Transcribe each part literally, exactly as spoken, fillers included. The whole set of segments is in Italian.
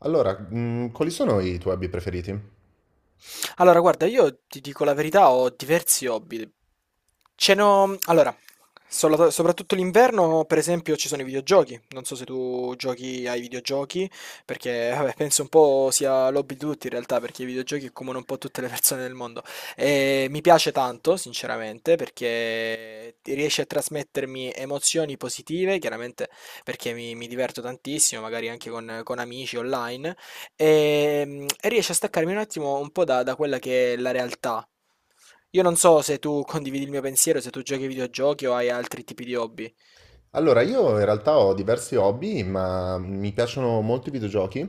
Allora, mh, quali sono i tuoi hobby preferiti? Allora, guarda, io ti dico la verità, ho diversi hobby. Ce n'ho. Allora, solo- soprattutto l'inverno, per esempio, ci sono i videogiochi. Non so se tu giochi ai videogiochi, perché vabbè, penso un po' sia l'hobby di tutti in realtà, perché i videogiochi accomunano un po' tutte le persone del mondo. E mi piace tanto, sinceramente, perché ti riesce a trasmettermi emozioni positive, chiaramente perché mi, mi diverto tantissimo, magari anche con con amici online e, mm, e riesce a staccarmi un attimo un po' da, da quella che è la realtà. Io non so se tu condividi il mio pensiero, se tu giochi ai videogiochi o hai altri tipi di hobby. Allora, io in realtà ho diversi hobby, ma mi piacciono molto i videogiochi,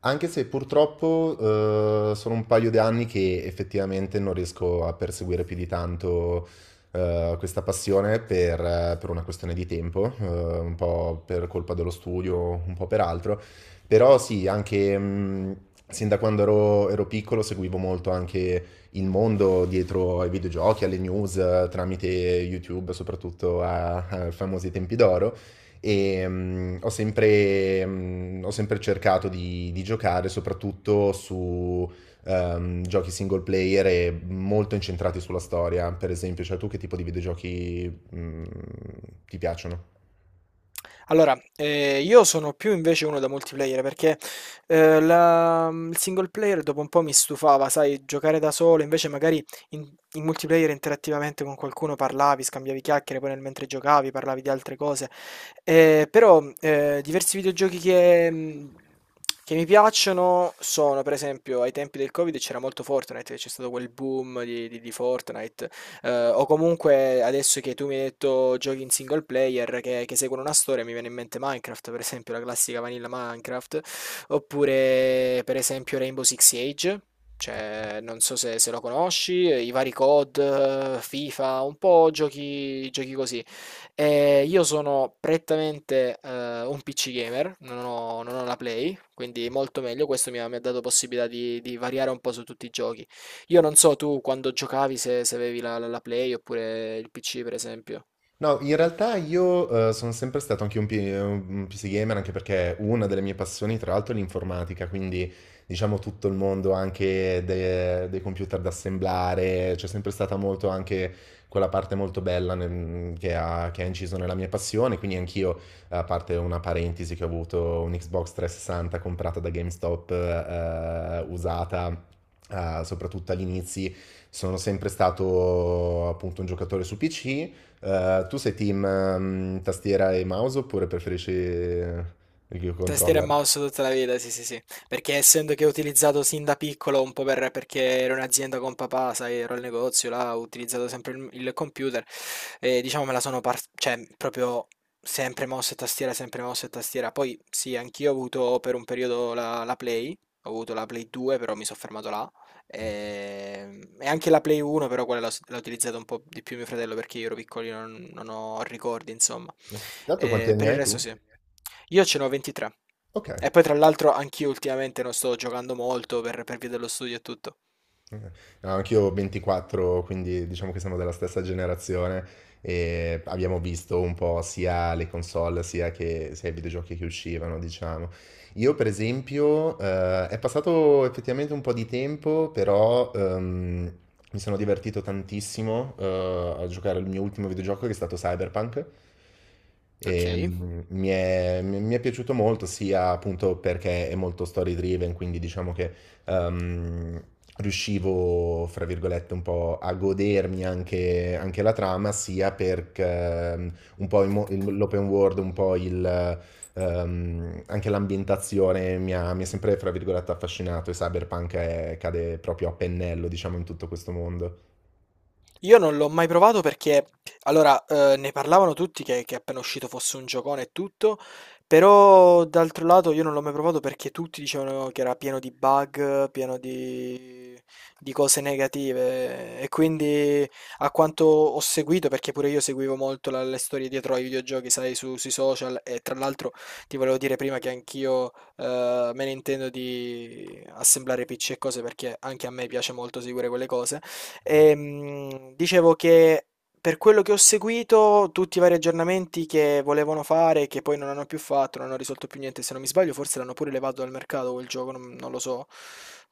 anche se purtroppo eh, sono un paio di anni che effettivamente non riesco a perseguire più di tanto eh, questa passione per, eh, per una questione di tempo, eh, un po' per colpa dello studio, un po' per altro. Però sì, anche mh, sin da quando ero, ero piccolo, seguivo molto anche il mondo dietro ai videogiochi, alle news, eh, tramite YouTube, soprattutto a- ai famosi tempi d'oro. E mh, ho sempre, mh, ho sempre cercato di, di giocare soprattutto su ehm, giochi single player e molto incentrati sulla storia. Per esempio, cioè tu che tipo di videogiochi mh, ti piacciono? Allora, ehm, io sono più invece uno da multiplayer perché, ehm, la mhmm, il single player dopo un po' mi stufava, sai, giocare da solo, invece magari in in multiplayer interattivamente con qualcuno parlavi, scambiavi chiacchiere, poi nel mentre giocavi parlavi di altre cose. Ehm, però, ehm, diversi videogiochi che mhmm, che mi piacciono sono, per esempio, ai tempi del Covid c'era molto Fortnite, che c'è stato quel boom di di di Fortnite, eh, o comunque adesso che tu mi hai detto giochi in single player che, che seguono una storia, mi viene in mente Minecraft, per esempio, la classica vanilla Minecraft, oppure per esempio Rainbow Six Siege. Cioè, non so se, se lo conosci, eh, i vari C O D, eh, FIFA, un po' giochi, giochi così. Eh, io sono prettamente eh, un P C gamer, non ho, non ho la Play, quindi molto meglio. Questo mi ha, mi ha dato possibilità di, di variare un po' su tutti i giochi. Io non so tu quando giocavi se, se avevi la, la- la Play oppure il P C, per esempio. No, in realtà io eh, sono sempre stato anche un, P- un P C gamer, anche perché una delle mie passioni, tra l'altro, è l'informatica, quindi diciamo tutto il mondo anche de- dei computer da assemblare. C'è sempre stata molto anche quella parte molto bella nel- che ha, che ha inciso nella mia passione, quindi anch'io, a parte una parentesi che ho avuto un Xbox tre sessanta comprata da GameStop, eh, usata, eh, soprattutto agli inizi, sono sempre stato appunto un giocatore su P C. Eh, tu sei team ehm, tastiera e mouse oppure preferisci eh, il Tastiera e controller? mouse tutta la vita, sì, sì, sì. Perché essendo che ho utilizzato sin da piccolo, un po' per, perché ero in azienda con papà, sai, ero al negozio, là, ho utilizzato sempre il, il computer, e diciamo me la sono, par- cioè, proprio sempre mouse e tastiera, sempre mouse e tastiera. Poi, sì, anch'io ho avuto per un periodo la, la Play, ho avuto la Play due, però mi sono fermato là, e, e anche la Play uno, però quella l'ho s- l'ha utilizzata un po' di più mio fratello, perché io ero piccolino, non, non ho ricordi, insomma. Dato quanti Ehm, anni per il hai resto tu? sì. Io ce n'ho ventitré. Ok. E poi tra l'altro anch'io ultimamente non sto giocando molto per per via dello studio e tutto. Eh, No, anch'io ho ventiquattro, quindi diciamo che siamo della stessa generazione e abbiamo visto un po' sia le console sia, che, sia i videogiochi che uscivano, diciamo. Io per esempio eh, è passato effettivamente un po' di tempo, però ehm, mi sono divertito tantissimo eh, a giocare al mio ultimo videogioco, che è stato Cyberpunk. E, Ok. mm, mi è, mi mi è piaciuto molto sia appunto perché è molto story driven, quindi diciamo che ehm, riuscivo, fra virgolette, un po' a godermi anche, anche la trama, sia perché ehm, un po' il mo- il- l'open world, un po' il, ehm, anche l'ambientazione mi ha, mi ha sempre, fra virgolette, affascinato, e Cyberpunk è- cade proprio a pennello, diciamo, in tutto questo mondo. Io non l'ho mai provato perché, allora, eh, ne parlavano tutti che, che appena uscito fosse un giocone e tutto, però d'altro lato io non l'ho mai provato perché tutti dicevano che era pieno di bug, pieno di, di cose negative e quindi a quanto ho seguito, perché pure io seguivo molto la- le storie dietro ai videogiochi, sai, su- sui social e tra l'altro ti volevo dire prima che anch'io eh, me ne intendo di assemblare P C e cose perché anche a me piace molto seguire quelle cose. Ehm, dicevo che per quello che ho seguito, tutti i vari aggiornamenti che volevano fare, che poi non hanno più fatto, non hanno risolto più niente, se non mi sbaglio, forse l'hanno pure levato dal mercato quel gioco, non, non lo so,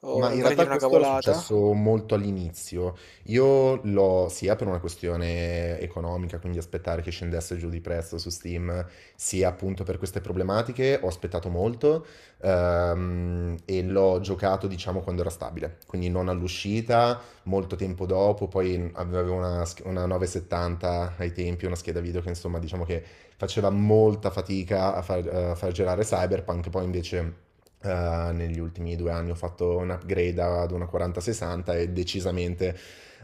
o Ma in non vorrei realtà dire una questo era cavolata. successo molto all'inizio. Io l'ho sia per una questione economica, quindi aspettare che scendesse giù di prezzo su Steam, sia appunto per queste problematiche, ho aspettato molto, ehm, e l'ho giocato, diciamo, quando era stabile, quindi non all'uscita, molto tempo dopo. Poi avevo una, sch- una nove settanta ai tempi, una scheda video che, insomma, diciamo che faceva molta fatica a far, a far girare Cyberpunk. Poi invece, eh, negli ultimi due anni, ho fatto un upgrade ad una quaranta sessanta e decisamente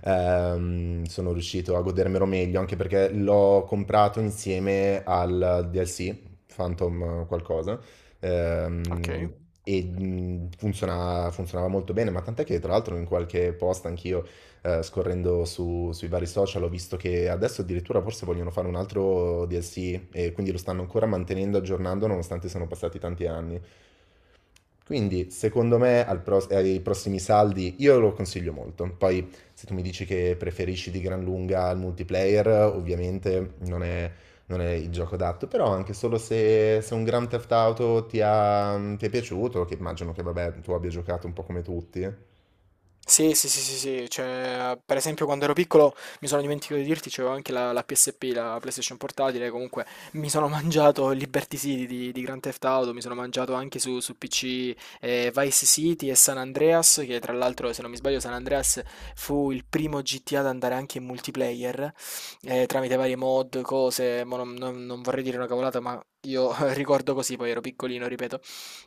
ehm, sono riuscito a godermelo meglio, anche perché l'ho comprato insieme al D L C, Phantom qualcosa, ehm, Ok. e mh, funziona- funzionava molto bene, ma tant'è che tra l'altro in qualche post anch'io, eh, scorrendo su- sui vari social, ho visto che adesso addirittura forse vogliono fare un altro D L C, e quindi lo stanno ancora mantenendo aggiornando nonostante siano passati tanti anni. Quindi, secondo me, al pro- ai prossimi saldi io lo consiglio molto. Poi, se tu mi dici che preferisci di gran lunga il multiplayer, ovviamente non è, non è il gioco adatto. Però, anche solo se, se un Grand Theft Auto ti, ha- ti è piaciuto, che immagino che, vabbè, tu abbia giocato un po' come tutti. Sì, sì, sì, sì, sì, cioè, per esempio quando ero piccolo mi sono dimenticato di dirti, c'avevo anche la, la P S P, la PlayStation Portatile, comunque mi sono mangiato Liberty City di, di Grand Theft Auto, mi sono mangiato anche su, su P C eh, Vice City e San Andreas, che tra l'altro se non mi sbaglio San Andreas fu il primo G T A ad andare anche in multiplayer, eh, tramite varie mod, cose, mo non, non- non vorrei dire una cavolata, ma ricordo così, poi ero piccolino, ripeto.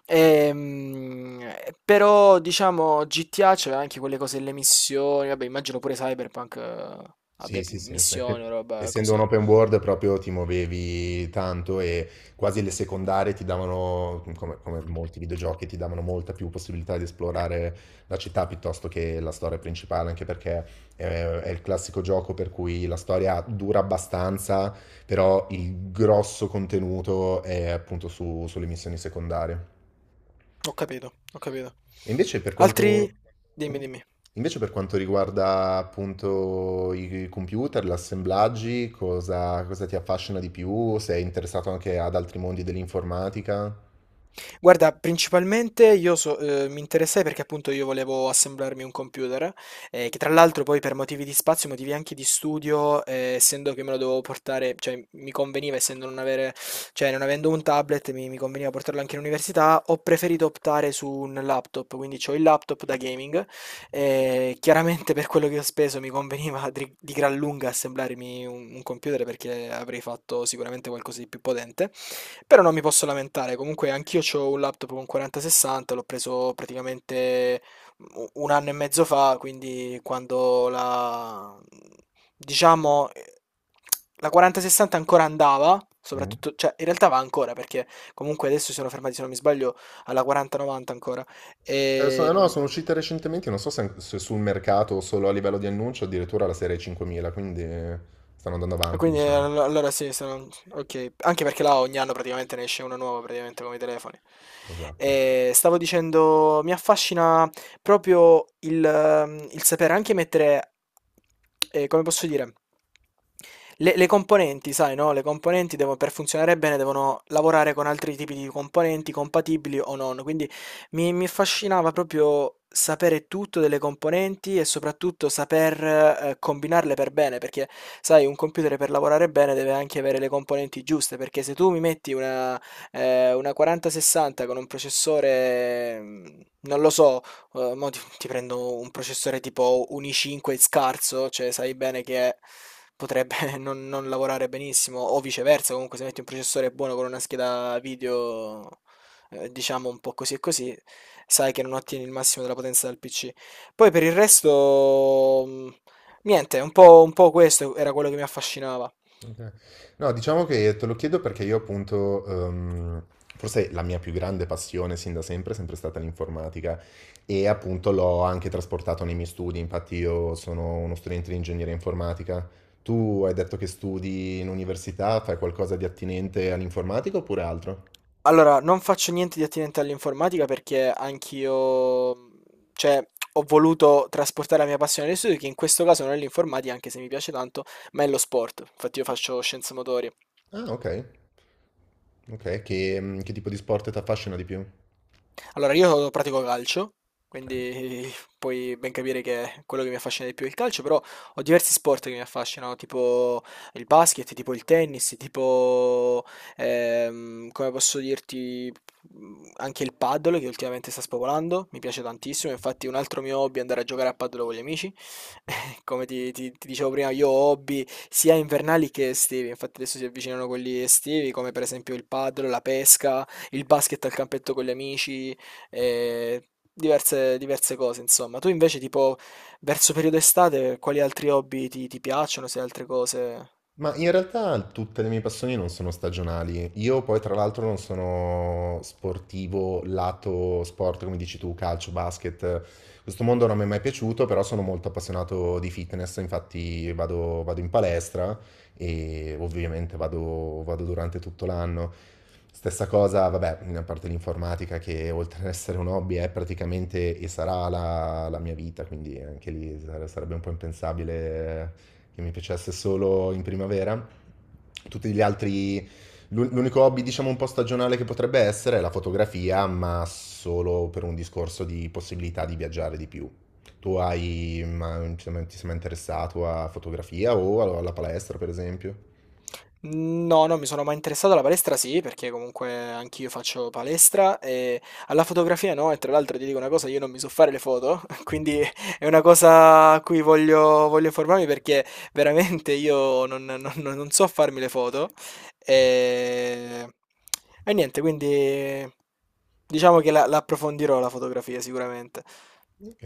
Ehm, però, diciamo, G T A c'aveva anche quelle cose, le missioni, vabbè, immagino pure Cyberpunk eh, Sì, abbia sì, pi- sì, missioni o perché roba essendo un così. open world proprio ti muovevi tanto, e quasi le secondarie ti davano, come, come molti videogiochi, ti davano molta più possibilità di esplorare la città piuttosto che la storia principale, anche perché eh, è il classico gioco per cui la storia dura abbastanza, però il grosso contenuto è appunto su- sulle missioni secondarie. Ho capito, ho capito. E invece per Ecco. Altri? quanto, Dimmi, Mm. dimmi. Invece, per quanto riguarda appunto i computer, gli assemblaggi, cosa, cosa ti affascina di più? Sei interessato anche ad altri mondi dell'informatica? Guarda, principalmente io so uhm, mi interessai perché appunto io volevo assemblarmi un computer, ehm, che tra l'altro poi per motivi di spazio, motivi anche di studio, ehm, essendo che me lo dovevo portare cioè mi conveniva essendo non avere cioè non avendo un tablet mi mi conveniva portarlo anche in università, ho preferito optare su un laptop, quindi c'ho il laptop da gaming, ehm, chiaramente per quello che ho speso mi conveniva dri di gran lunga assemblarmi un un computer perché avrei fatto sicuramente qualcosa di più potente. Però non mi posso lamentare, comunque anch'io ho un laptop con quaranta sessanta, l'ho preso praticamente u- un anno e mezzo fa, quindi quando la... diciamo... eh, La quaranta sessanta ancora andava, Mm. soprattutto, cioè in realtà va ancora perché comunque adesso si sono fermati, se non mi sbaglio, alla quaranta novanta ancora. Eh, so- no, E sono uscite recentemente, non so se se sul mercato o solo a livello di annuncio, addirittura la serie cinquemila, quindi eh, stanno andando Ah, avanti, Quindi eh, diciamo. allo- allora sì, sono- ok. Anche perché là ogni anno praticamente ne esce una nuova, praticamente come i telefoni. Esatto. E stavo dicendo, mi affascina proprio il, ehm, il sapere anche mettere, eh, come posso dire, le, le componenti, sai, no? Le componenti devono, per funzionare bene devono lavorare con altri tipi di componenti compatibili o non. Quindi mi mi affascinava proprio sapere tutto delle componenti e soprattutto saper, ehm, combinarle per bene, perché sai un computer per lavorare bene deve anche avere le componenti giuste, perché se tu mi metti una ehm, una quaranta sessanta con un processore, mhmm, non lo so, uhm, mo ti ti prendo un processore tipo un i cinque scarso, cioè sai bene che potrebbe non non lavorare benissimo, o viceversa comunque se metti un processore buono con una scheda video eh, diciamo un po' così e così, sai che non ottieni il massimo della potenza del P C. Poi per il resto, mh, niente, un po', un po' questo era quello che mi affascinava. Ok. No, diciamo che te lo chiedo perché io appunto, ehm, forse la mia più grande passione sin da sempre è sempre stata l'informatica, e appunto l'ho anche trasportato nei miei studi. Infatti io sono uno studente di ingegneria informatica. Tu hai detto che studi in università, fai qualcosa di attinente all'informatica oppure altro? Allora, non faccio niente di attinente all'informatica perché anch'io, mh, cioè, ho voluto trasportare la mia passione agli studi, che in questo caso non è l'informatica, anche se mi piace tanto, ma è lo sport. Infatti io faccio scienze motorie. Ah, ok, ok, che, che tipo di sport ti affascina di più? Allora, io pratico calcio, quindi puoi ben capire che quello che mi affascina di più è il calcio, però ho diversi sport che mi affascinano, tipo il basket, tipo il tennis, tipo, ehm, come posso dirti, mm, anche il paddle che ultimamente sta spopolando, mi piace tantissimo, infatti un altro mio hobby è andare a giocare a paddle con gli amici. Come ti, ti- ti dicevo prima, io ho hobby sia invernali che estivi, infatti adesso si avvicinano quelli estivi, come per esempio il paddle, la pesca, il basket al campetto con gli amici, e diverse, diverse cose, insomma. Tu invece, tipo, verso periodo estate, quali altri hobby ti, ti piacciono? Se altre cose. Ma in realtà tutte le mie passioni non sono stagionali. Io poi tra l'altro non sono sportivo lato sport, come dici tu, calcio, basket. Questo mondo non mi è mai piaciuto, però sono molto appassionato di fitness, infatti vado, vado in palestra, e ovviamente vado, vado durante tutto l'anno. Stessa cosa, vabbè, a parte l'informatica, che oltre ad essere un hobby è praticamente e sarà la, la mia vita, quindi anche lì sare- sarebbe un po' impensabile che mi piacesse solo in primavera. Tutti gli altri, l'u- l'unico hobby, diciamo, un po' stagionale che potrebbe essere è la fotografia, ma solo per un discorso di possibilità di viaggiare di più. Tu hai, ma, ti sei mai interessato a fotografia o alla alla palestra, per esempio? No, non mi sono mai interessato alla palestra, sì, perché comunque anch'io faccio palestra e alla fotografia no, e tra l'altro ti dico una cosa, io non mi so fare le foto, quindi è una cosa a cui voglio, voglio informarmi perché veramente io non, non- non- non so farmi le foto e, e niente, quindi diciamo che la, la approfondirò la fotografia sicuramente. Ok.